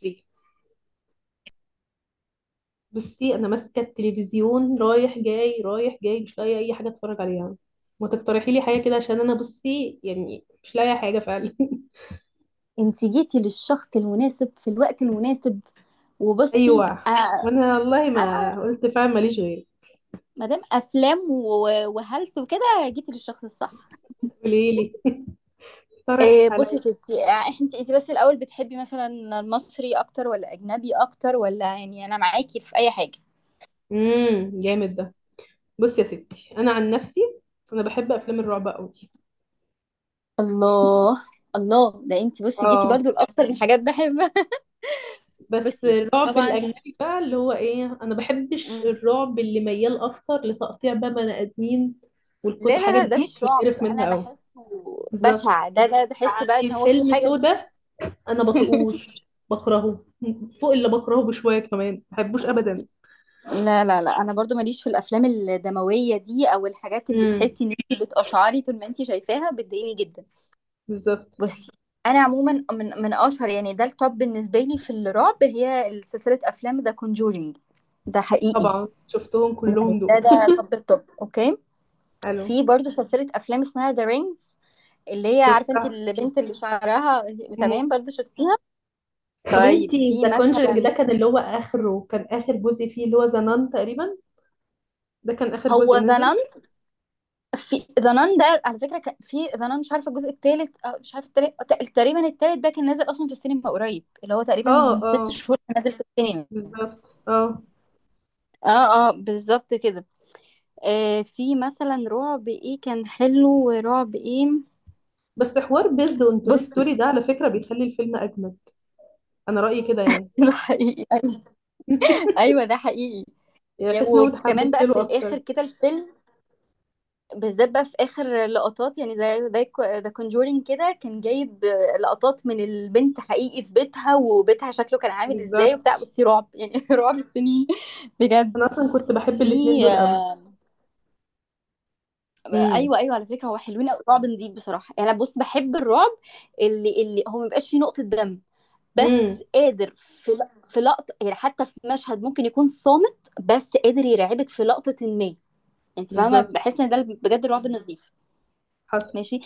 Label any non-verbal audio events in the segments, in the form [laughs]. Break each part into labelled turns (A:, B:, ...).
A: دي، بصي انا ماسكه التلفزيون رايح جاي رايح جاي، مش لاقيه اي حاجه اتفرج عليها. ما تقترحي لي حاجه كده عشان انا بصي يعني مش لاقيه حاجه فعلا. [laughs]
B: انت جيتي للشخص المناسب في الوقت المناسب وبصي
A: ايوه،
B: آه
A: وانا والله ما
B: آه
A: قلت فعلا ماليش غير.
B: ما دام افلام وهلس وكده، جيتي للشخص الصح.
A: قولي لي. [laughs] اقترحي
B: إيه بصي
A: عليا.
B: يا ستي انت بس الاول بتحبي مثلا المصري اكتر ولا اجنبي اكتر، ولا يعني انا معاكي في اي حاجه.
A: جامد ده. بصي يا ستي، انا عن نفسي انا بحب افلام الرعب قوي.
B: الله، الله ده انت بصي جيتي
A: اه،
B: برضو لاكتر من حاجات بحبها. [laughs]
A: بس
B: بصي
A: الرعب
B: طبعا.
A: الاجنبي بقى اللي هو ايه، انا بحبش
B: مم.
A: الرعب اللي ميال اكتر لتقطيع بقى بني ادمين والكت
B: لا لا
A: حاجات
B: لا ده
A: دي،
B: مش رعب،
A: بتقرف
B: انا
A: منها قوي.
B: بحسه
A: بالظبط،
B: بشع، ده بحس بقى ان
A: يعني
B: هو في
A: فيلم
B: حاجه.
A: سودا انا
B: [laughs]
A: بطيقوش، بكرهه فوق اللي بكرهه بشويه كمان، ما بحبوش ابدا.
B: لا لا لا انا برضو ماليش في الافلام الدمويه دي او الحاجات اللي
A: امم
B: تحسي ان انت بتقشعري طول ما انت شايفاها، بتضايقني جدا.
A: بالظبط.
B: بصي انا عموما من اشهر يعني ده التوب بالنسبه لي في الرعب هي سلسله افلام ذا كونجورينج. ده حقيقي،
A: طبعا شفتهم
B: يعني
A: كلهم
B: ده
A: دول.
B: ده توب التوب. اوكي،
A: الو.
B: في برضو سلسله افلام اسمها ذا رينجز، اللي هي عارفه انت
A: شفتها.
B: البنت اللي شعرها.
A: مم.
B: تمام، برضو شفتيها.
A: طب
B: طيب
A: انتي
B: في
A: ذا كونجرينج
B: مثلا،
A: ده كان اللي هو اخره، كان اخر جزء فيه اللي هو ذا نان تقريبا. ده كان اخر
B: هو
A: جزء
B: ذا
A: نزل.
B: في ذا نان ده على فكره، كان في ذا نان مش عارفه الجزء الثالث، مش عارفه التالت تقريبا الثالث ده كان نازل اصلا في السينما قريب، اللي هو تقريبا
A: اه
B: من ست
A: اه،
B: شهور كان نازل في السينما.
A: بالظبط اه.
B: اه اه بالظبط كده. آه في مثلا رعب ايه كان حلو ورعب ايه.
A: بس حوار بيزد اون ترو
B: بص [laughs]
A: ستوري ده على فكره بيخلي الفيلم اجمد. انا رايي كده يعني.
B: ده حقيقي.
A: [laughs]
B: ايوه ده حقيقي.
A: يعني
B: يعني
A: احس ان انا
B: وكمان
A: اتحمست
B: بقى في
A: له
B: الاخر
A: اكتر.
B: كده الفيلم بالذات بقى في اخر لقطات، يعني زي ذا كونجورينج كده كان جايب لقطات من البنت حقيقي في بيتها، وبيتها شكله كان عامل ازاي وبتاع.
A: بالظبط،
B: بصي رعب يعني [laughs] رعب السنين بجد.
A: انا اصلا كنت بحب الاتنين
B: في
A: دول قوي.
B: آه،
A: امم
B: ايوه ايوه على فكره هو حلوين قوي، رعب نضيف بصراحه. يعني انا بص بحب الرعب اللي هو مبيبقاش فيه نقطه دم، بس
A: امم
B: قادر في لقطه يعني، حتى في مشهد ممكن يكون صامت بس قادر يرعبك في لقطه ما، يعني انت فاهمه،
A: بالظبط.
B: بحس ان ده بجد الرعب النظيف.
A: حصل.
B: ماشي،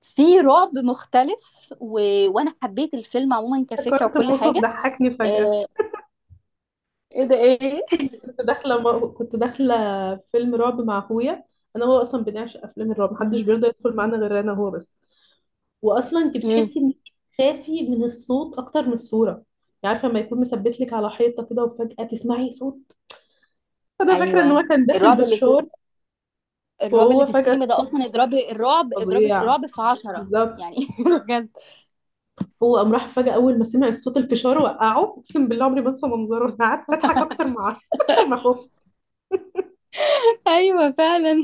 B: في رعب مختلف وانا حبيت الفيلم عموما كفكره
A: افتكرت
B: وكل
A: موقف
B: حاجه.
A: ضحكني فجأة.
B: آه... ايه ده ايه [laughs]
A: كنت داخلة فيلم رعب مع اخويا. انا وهو اصلا بنعشق افلام الرعب، محدش بيرضى يدخل معانا غير انا وهو بس. واصلا انت
B: امم
A: بتحسي انك خافي من الصوت اكتر من الصورة. يعني عارفة لما يكون مثبت لك على حيطة كده وفجأة تسمعي صوت. انا فاكرة ان
B: ايوه
A: هو كان داخل
B: الرعب اللي في،
A: بفشار،
B: الرعب اللي
A: وهو
B: في
A: فجأة
B: السينما ده
A: الصوت
B: اصلا اضربي الرعب، اضربي في
A: فظيع.
B: رعب في عشرة يعني
A: بالظبط.
B: [laughs] بجد.
A: هو قام راح فجأة أول ما سمع صوت الفشار وقعه، أقسم بالله عمري ما أنسى منظره. أنا قعدت أضحك أكتر ما أعرف [laughs] أكتر ما أخاف.
B: ايوه فعلا،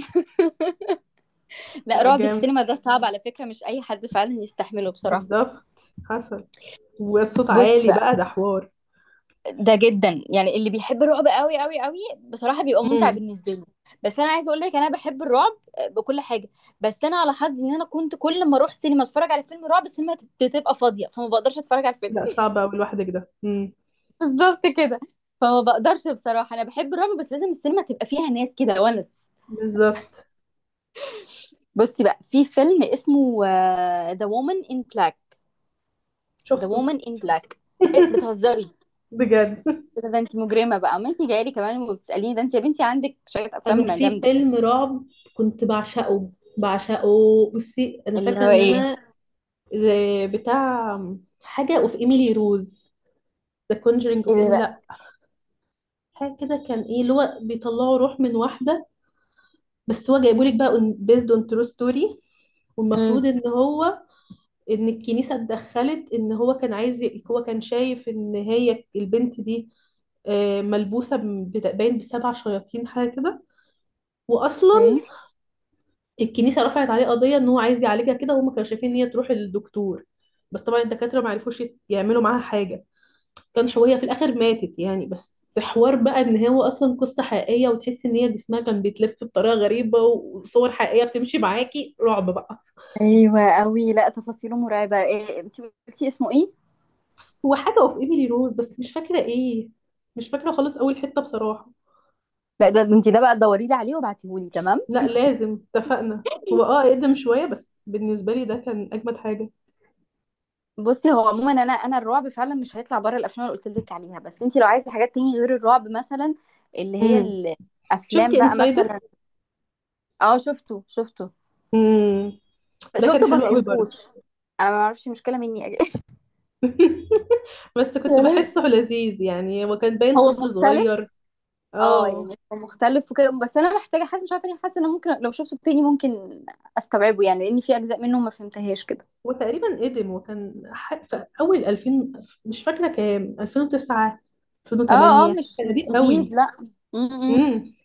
B: لا
A: لا
B: رعب
A: جامد،
B: السينما ده صعب على فكره، مش اي حد فعلا يستحمله بصراحه.
A: بالظبط. حصل، والصوت
B: بص
A: عالي
B: بقى،
A: بقى ده حوار.
B: ده جدا يعني اللي بيحب الرعب قوي قوي قوي بصراحة بيبقى ممتع
A: امم.
B: بالنسبة له. بس انا عايزة اقول لك انا بحب الرعب بكل حاجة، بس انا على حظي ان انا كنت كل ما اروح سينما اتفرج على فيلم رعب، السينما بتبقى فاضية فما بقدرش اتفرج على الفيلم.
A: لا صعب أوي لوحدك ده.
B: [laughs] بالظبط كده. فما بقدرش بصراحة، انا بحب الرعب بس لازم السينما تبقى فيها ناس كده ونس.
A: بالظبط.
B: بصي بقى في فيلم اسمه The Woman in Black. The
A: شفته.
B: Woman in Black، إيه،
A: [laughs]
B: بتهزري
A: بجد.
B: كده؟ ده انت مجرمة بقى، ما انت جايلي كمان وبتسأليني، ده انت يا بنتي عندك شوية
A: انا
B: افلام
A: في
B: جامدة.
A: فيلم رعب كنت بعشقه، بعشقه. بصي انا
B: اللي
A: فاكره
B: هو
A: ان
B: ايه؟
A: انا زي بتاع حاجه اوف ايميلي روز، ذا كونجرينج اوف
B: ايه ده
A: ايميلي،
B: بقى؟
A: لا حاجه كده، كان ايه اللي هو بيطلعوا روح من واحده، بس هو جايبولك بقى بيزد اون ترو ستوري.
B: امم
A: والمفروض ان هو ان الكنيسة اتدخلت، ان هو كان عايز هو كان شايف ان هي البنت دي آه، ملبوسة باين بسبع شياطين حاجة كده. واصلا
B: ايه؟
A: الكنيسة رفعت عليه قضية ان هو عايز يعالجها كده، وهم كانوا شايفين ان هي تروح للدكتور. بس طبعا الدكاترة ما عرفوش يعملوا معاها حاجة. كان هي في الاخر ماتت يعني، بس حوار بقى ان هو اصلا قصة حقيقية، وتحس ان هي جسمها كان بيتلف بطريقة غريبة، وصور حقيقية بتمشي معاكي، رعب بقى.
B: ايوه قوي، لا تفاصيله مرعبه. إيه انت قلتي اسمه ايه؟
A: هو حاجة اوف ايميلي روز بس مش فاكرة ايه، مش فاكرة خالص اول حتة بصراحة.
B: لا ده انت ده بقى دوري لي عليه وابعتيه لي، تمام.
A: لا لازم اتفقنا، هو اه اقدم شوية بس بالنسبة لي ده كان اجمد حاجة.
B: بصي هو عموما انا الرعب فعلا مش هيطلع بره الافلام اللي قلت لك عليها، بس انت لو عايزه حاجات تاني غير الرعب مثلا، اللي هي
A: امم.
B: الافلام
A: شفتي
B: بقى مثلا.
A: انسايدس؟
B: اه شفته شفته
A: امم، ده كان
B: شفته ما
A: حلو قوي برضه.
B: فهمتوش. انا ما اعرفش، مشكله مني [laughs] يا جماعة.
A: [laughs] بس كنت
B: يا ليل،
A: بحسه لذيذ يعني، هو كان باين
B: هو
A: طفل صغير.
B: مختلف. اه
A: اه،
B: يعني هو مختلف وكده، بس انا محتاجه، حاسه مش عارفه ليه، حاسه ان ممكن لو شفته تاني ممكن استوعبه يعني، لان في اجزاء منه ما فهمتهاش كده.
A: وتقريبا قدم، في أول 2000، مش فاكرة كام، 2009،
B: اه اه
A: 2008،
B: مش
A: كان
B: مش
A: قديم
B: جديد،
A: قوي.
B: لا. امم.
A: امم،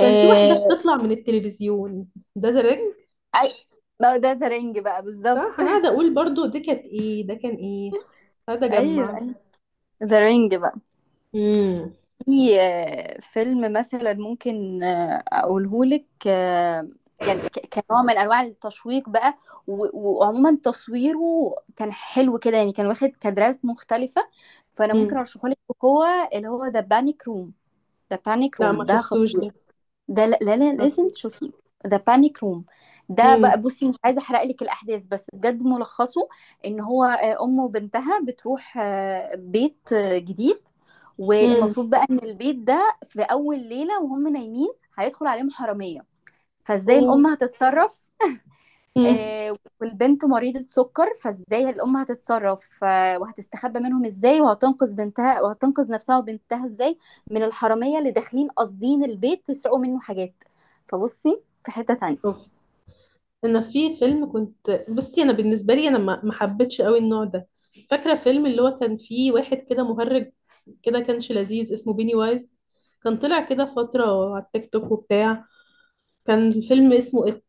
A: كان في واحدة بتطلع من التلفزيون، ده زرنج.
B: اي، ما هو ده ذا رينج بقى
A: صح،
B: بالظبط.
A: أنا قاعدة أقول برضو دي كانت إيه، ده كان إيه، هذا
B: [laughs]
A: جمع.
B: ايوه ذا رينج بقى.
A: امم
B: في فيلم مثلا ممكن اقولهولك، يعني كنوع من انواع التشويق بقى و- وعموما تصويره كان حلو كده، يعني كان واخد كادرات مختلفة، فانا ممكن
A: امم
B: ارشحهولك بقوة، اللي هو ذا بانيك روم. ذا بانيك
A: لا ما
B: روم ده،
A: شفتوش ده.
B: ده لازم
A: معرفوش.
B: تشوفيه. ده بانيك روم، ده بقى
A: امم
B: بصي مش عايزه احرق لك الاحداث بس بجد ملخصه ان هو امه وبنتها بتروح بيت جديد،
A: امم
B: والمفروض بقى ان البيت ده في اول ليله وهم نايمين هيدخل عليهم حراميه، فازاي الام
A: أوف.
B: هتتصرف،
A: امم.
B: والبنت مريضة سكر فازاي الأم هتتصرف، وهتستخبى منهم ازاي، وهتنقذ بنتها وهتنقذ نفسها وبنتها ازاي من الحرامية اللي داخلين قاصدين البيت يسرقوا منه حاجات. فبصي في حتة تانية،
A: أوف. انا في فيلم كنت بصي، انا بالنسبه لي انا ما حبيتش قوي النوع ده. فاكره فيلم اللي هو كان فيه واحد كده مهرج كده، كانش لذيذ، اسمه بيني وايز. كان طلع كده فتره على التيك توك وبتاع. كان الفيلم اسمه إت.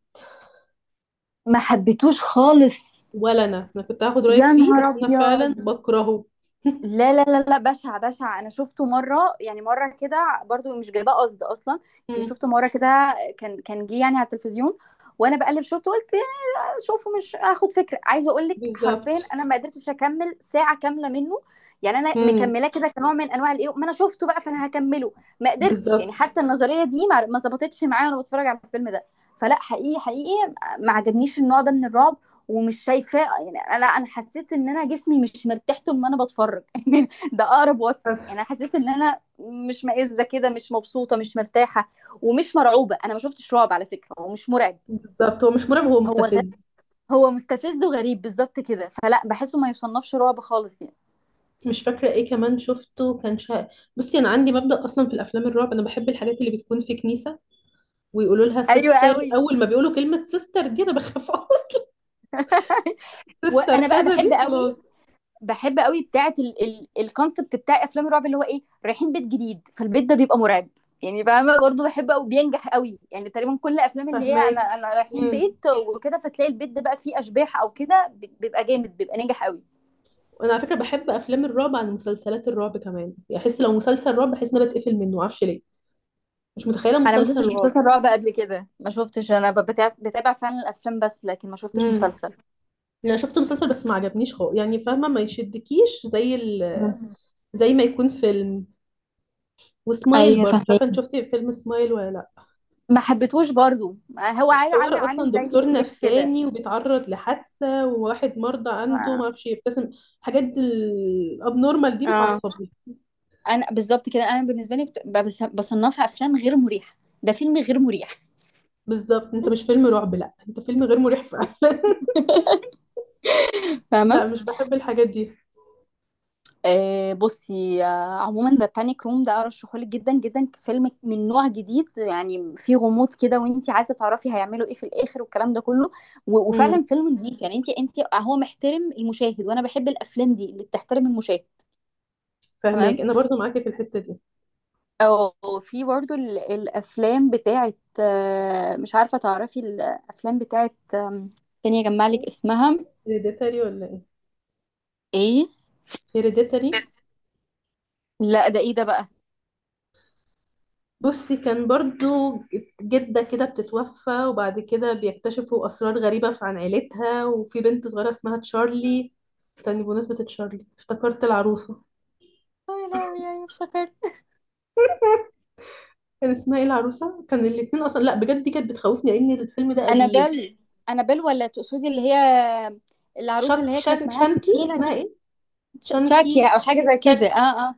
B: ما حبيتوش خالص.
A: ولا انا كنت هاخد رايك
B: يا
A: فيه
B: نهار
A: بس انا فعلا
B: أبيض،
A: بكرهه. [laughs]
B: لا لا لا لا بشع بشع. انا شفته مره، يعني مره كده برضو مش جايباه قصد اصلا. يعني
A: مم.
B: شفته مره كده، كان جه يعني على التلفزيون وانا بقلب شفته، قلت آه، شوفه مش هاخد فكره. عايزه اقول لك حرفيا
A: بالظبط.
B: انا ما قدرتش اكمل ساعه كامله منه. يعني انا
A: مم.
B: مكملاه كده كنوع من انواع الايه، ما انا شفته بقى فانا هكمله. ما قدرتش، يعني
A: بالظبط.
B: حتى النظريه دي ما ظبطتش معايا وانا بتفرج على الفيلم ده. فلا، حقيقي حقيقي ما عجبنيش النوع ده من الرعب، ومش شايفاه. يعني انا لا، انا حسيت ان انا جسمي مش مرتاح طول ما انا بتفرج [laughs] يعني ده اقرب وصف. يعني
A: حصل.
B: انا حسيت ان انا مش مائزه كده، مش مبسوطه مش مرتاحه، ومش مرعوبه. انا ما شفتش رعب على فكره، هو مش مرعب.
A: بالظبط، هو مش مرعب، هو
B: هو غ...
A: مستفز.
B: هو مستفز وغريب بالظبط كده، فلا بحسه ما يصنفش رعب خالص يعني.
A: مش فاكره ايه كمان شفته كان شا... بصي انا عندي مبدأ اصلا في الافلام الرعب، انا بحب الحاجات اللي بتكون في كنيسه، ويقولوا لها
B: ايوه
A: سيستر.
B: قوي،
A: اول ما بيقولوا كلمه سيستر دي انا بخاف [laughs] اصلا. سيستر
B: وانا بقى
A: كذا
B: بحب
A: دي،
B: قوي،
A: خلاص.
B: بحب قوي بتاعه الكونسبت بتاع افلام الرعب اللي هو ايه، رايحين بيت جديد فالبيت ده بيبقى مرعب، يعني فاهمه برضه، بحب قوي بينجح قوي يعني. تقريبا كل افلام اللي هي انا
A: فهماكي.
B: انا رايحين
A: امم.
B: بيت وكده فتلاقي البيت ده بقى فيه اشباح او كده، بيبقى جامد، بيبقى ناجح قوي.
A: وانا على فكره بحب افلام الرعب عن مسلسلات الرعب كمان، يعني احس لو مسلسل رعب بحس ان انا بتقفل منه، معرفش ليه. مش متخيله
B: انا ما
A: مسلسل
B: شفتش
A: رعب.
B: مسلسل رعب قبل كده، ما شفتش. انا بتابع فعلا الافلام بس، لكن ما شفتش
A: امم،
B: مسلسل.
A: انا شفت مسلسل بس ما عجبنيش خالص، يعني فاهمه ما يشدكيش زي
B: [laughs] مم.
A: زي ما يكون فيلم. وسمايل
B: ايوه
A: برضه، مش
B: فاهمه،
A: عارفه انت شفتي فيلم سمايل ولا لا.
B: ما حبيتهوش برضو. هو عامل
A: حوار
B: عامل
A: اصلا
B: زي
A: دكتور
B: ايه كده.
A: نفساني وبيتعرض لحادثه، وواحد مرضى عنده ما اعرفش يبتسم. الحاجات الابنورمال دي
B: اه،
A: بتعصبني.
B: انا بالظبط كده، انا بالنسبه لي بصنفها افلام غير مريحه، ده فيلم غير مريح.
A: بالظبط، انت مش فيلم رعب، لا انت فيلم غير مريح فعلا. [laughs]
B: [laughs] فاهمه.
A: لا مش بحب الحاجات دي.
B: آه بصي آه عموما ده بانيك روم ده ارشحهولك جدا جدا، فيلم من نوع جديد يعني فيه غموض كده، وانت عايزه تعرفي هيعملوا ايه في الاخر والكلام ده كله،
A: امم.
B: وفعلا فيلم نظيف يعني، انت هو محترم المشاهد، وانا بحب الافلام دي اللي بتحترم المشاهد. تمام،
A: فهماك، انا برضو معاكي في الحته دي.
B: او في برضو الافلام بتاعت آه، مش عارفه تعرفي الافلام بتاعت آم، تاني اجمع لك اسمها
A: هيريديتاري ولا ايه؟
B: ايه.
A: هيريديتاري.
B: لا ده ايه ده بقى؟
A: بصي كان برضو جدة كده بتتوفى، وبعد كده بيكتشفوا أسرار غريبة عن عيلتها، وفي بنت صغيرة اسمها تشارلي. استني، بمناسبة تشارلي افتكرت العروسة،
B: يا لهوي يعني افتكرت
A: كان اسمها ايه العروسه، كان الاتنين اصلا، لا بجد دي كانت بتخوفني لان الفيلم ده قديم.
B: انابيل. انابيل، ولا تقصدي اللي هي العروسه
A: شك
B: اللي هي كانت
A: شان
B: معاها
A: شانكي،
B: سكينه دي؟
A: اسمها ايه،
B: تشاكيا
A: شانكي،
B: او حاجه زي كده،
A: شاكي.
B: اه اه.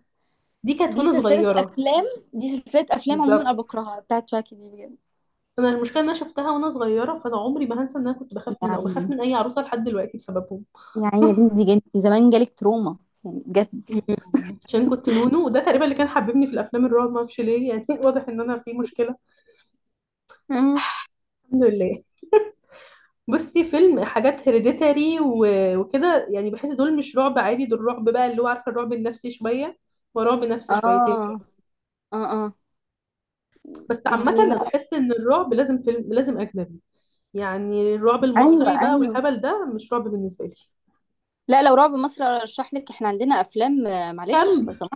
A: دي كانت
B: دي
A: وانا
B: سلسله
A: صغيره.
B: افلام، دي سلسله افلام عموما انا
A: بالظبط.
B: بكرهها، بتاعت تشاكي دي بجد.
A: انا المشكله ان انا شفتها وانا صغيره، فانا عمري ما هنسى ان انا كنت بخاف
B: يا
A: منها وبخاف
B: عيني،
A: من اي عروسه لحد دلوقتي بسببهم.
B: يا عيني يا بنتي
A: [laughs]
B: دي جنتي زمان، جالك تروما يعني بجد.
A: مم. عشان كنت نونو، وده تقريبا اللي كان حببني في الافلام الرعب، ما اعرفش ليه يعني. [laughs] واضح ان انا في مشكله.
B: مم.
A: الحمد لله. بصي فيلم حاجات هيريديتاري وكده، يعني بحس دول مش رعب عادي، دول رعب بقى اللي هو عارفه الرعب النفسي شويه، ورعب نفسي
B: اه
A: شويتين.
B: اه اه
A: بس عامه
B: يعني،
A: انا
B: لا،
A: بحس ان الرعب لازم فيلم لازم اجنبي. يعني الرعب
B: ايوه
A: المصري بقى
B: ايوه.
A: والهبل ده مش رعب بالنسبه لي.
B: لا لو رعب مصر ارشح لك، احنا عندنا افلام آه، معلش
A: كامب.
B: لو،
A: [laughs]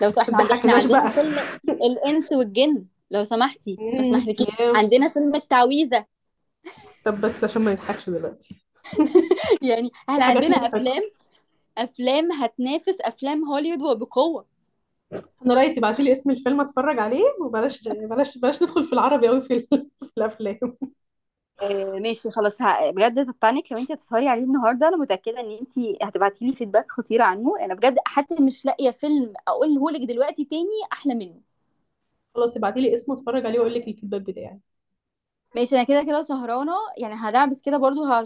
B: لو سمحت،
A: ما
B: احنا
A: تضحكناش بقى.
B: عندنا فيلم الانس والجن، لو سمحتي ما
A: مم،
B: اسمحلكيش.
A: ياه.
B: عندنا فيلم التعويذه.
A: طب بس عشان ما نضحكش دلوقتي،
B: [laughs] يعني
A: في
B: احنا
A: حاجات
B: عندنا
A: مضحكه.
B: افلام، افلام هتنافس افلام هوليوود وبقوه.
A: انا رايي تبعتي لي اسم الفيلم اتفرج عليه، وبلاش بلاش بلاش ندخل في العربي قوي في [laughs] في الافلام.
B: آه ماشي خلاص، بجد البانيك لو انت هتسهري عليه النهارده، انا متاكده ان انت هتبعتي لي فيدباك خطير عنه. انا بجد حتى مش لاقيه فيلم اقوله لك دلوقتي تاني احلى منه.
A: خلاص ابعتي لي اسمه اتفرج عليه واقول لك الفيدباك بتاعي.
B: ماشي، انا كده كده سهرانه، يعني هدعبس كده برضو.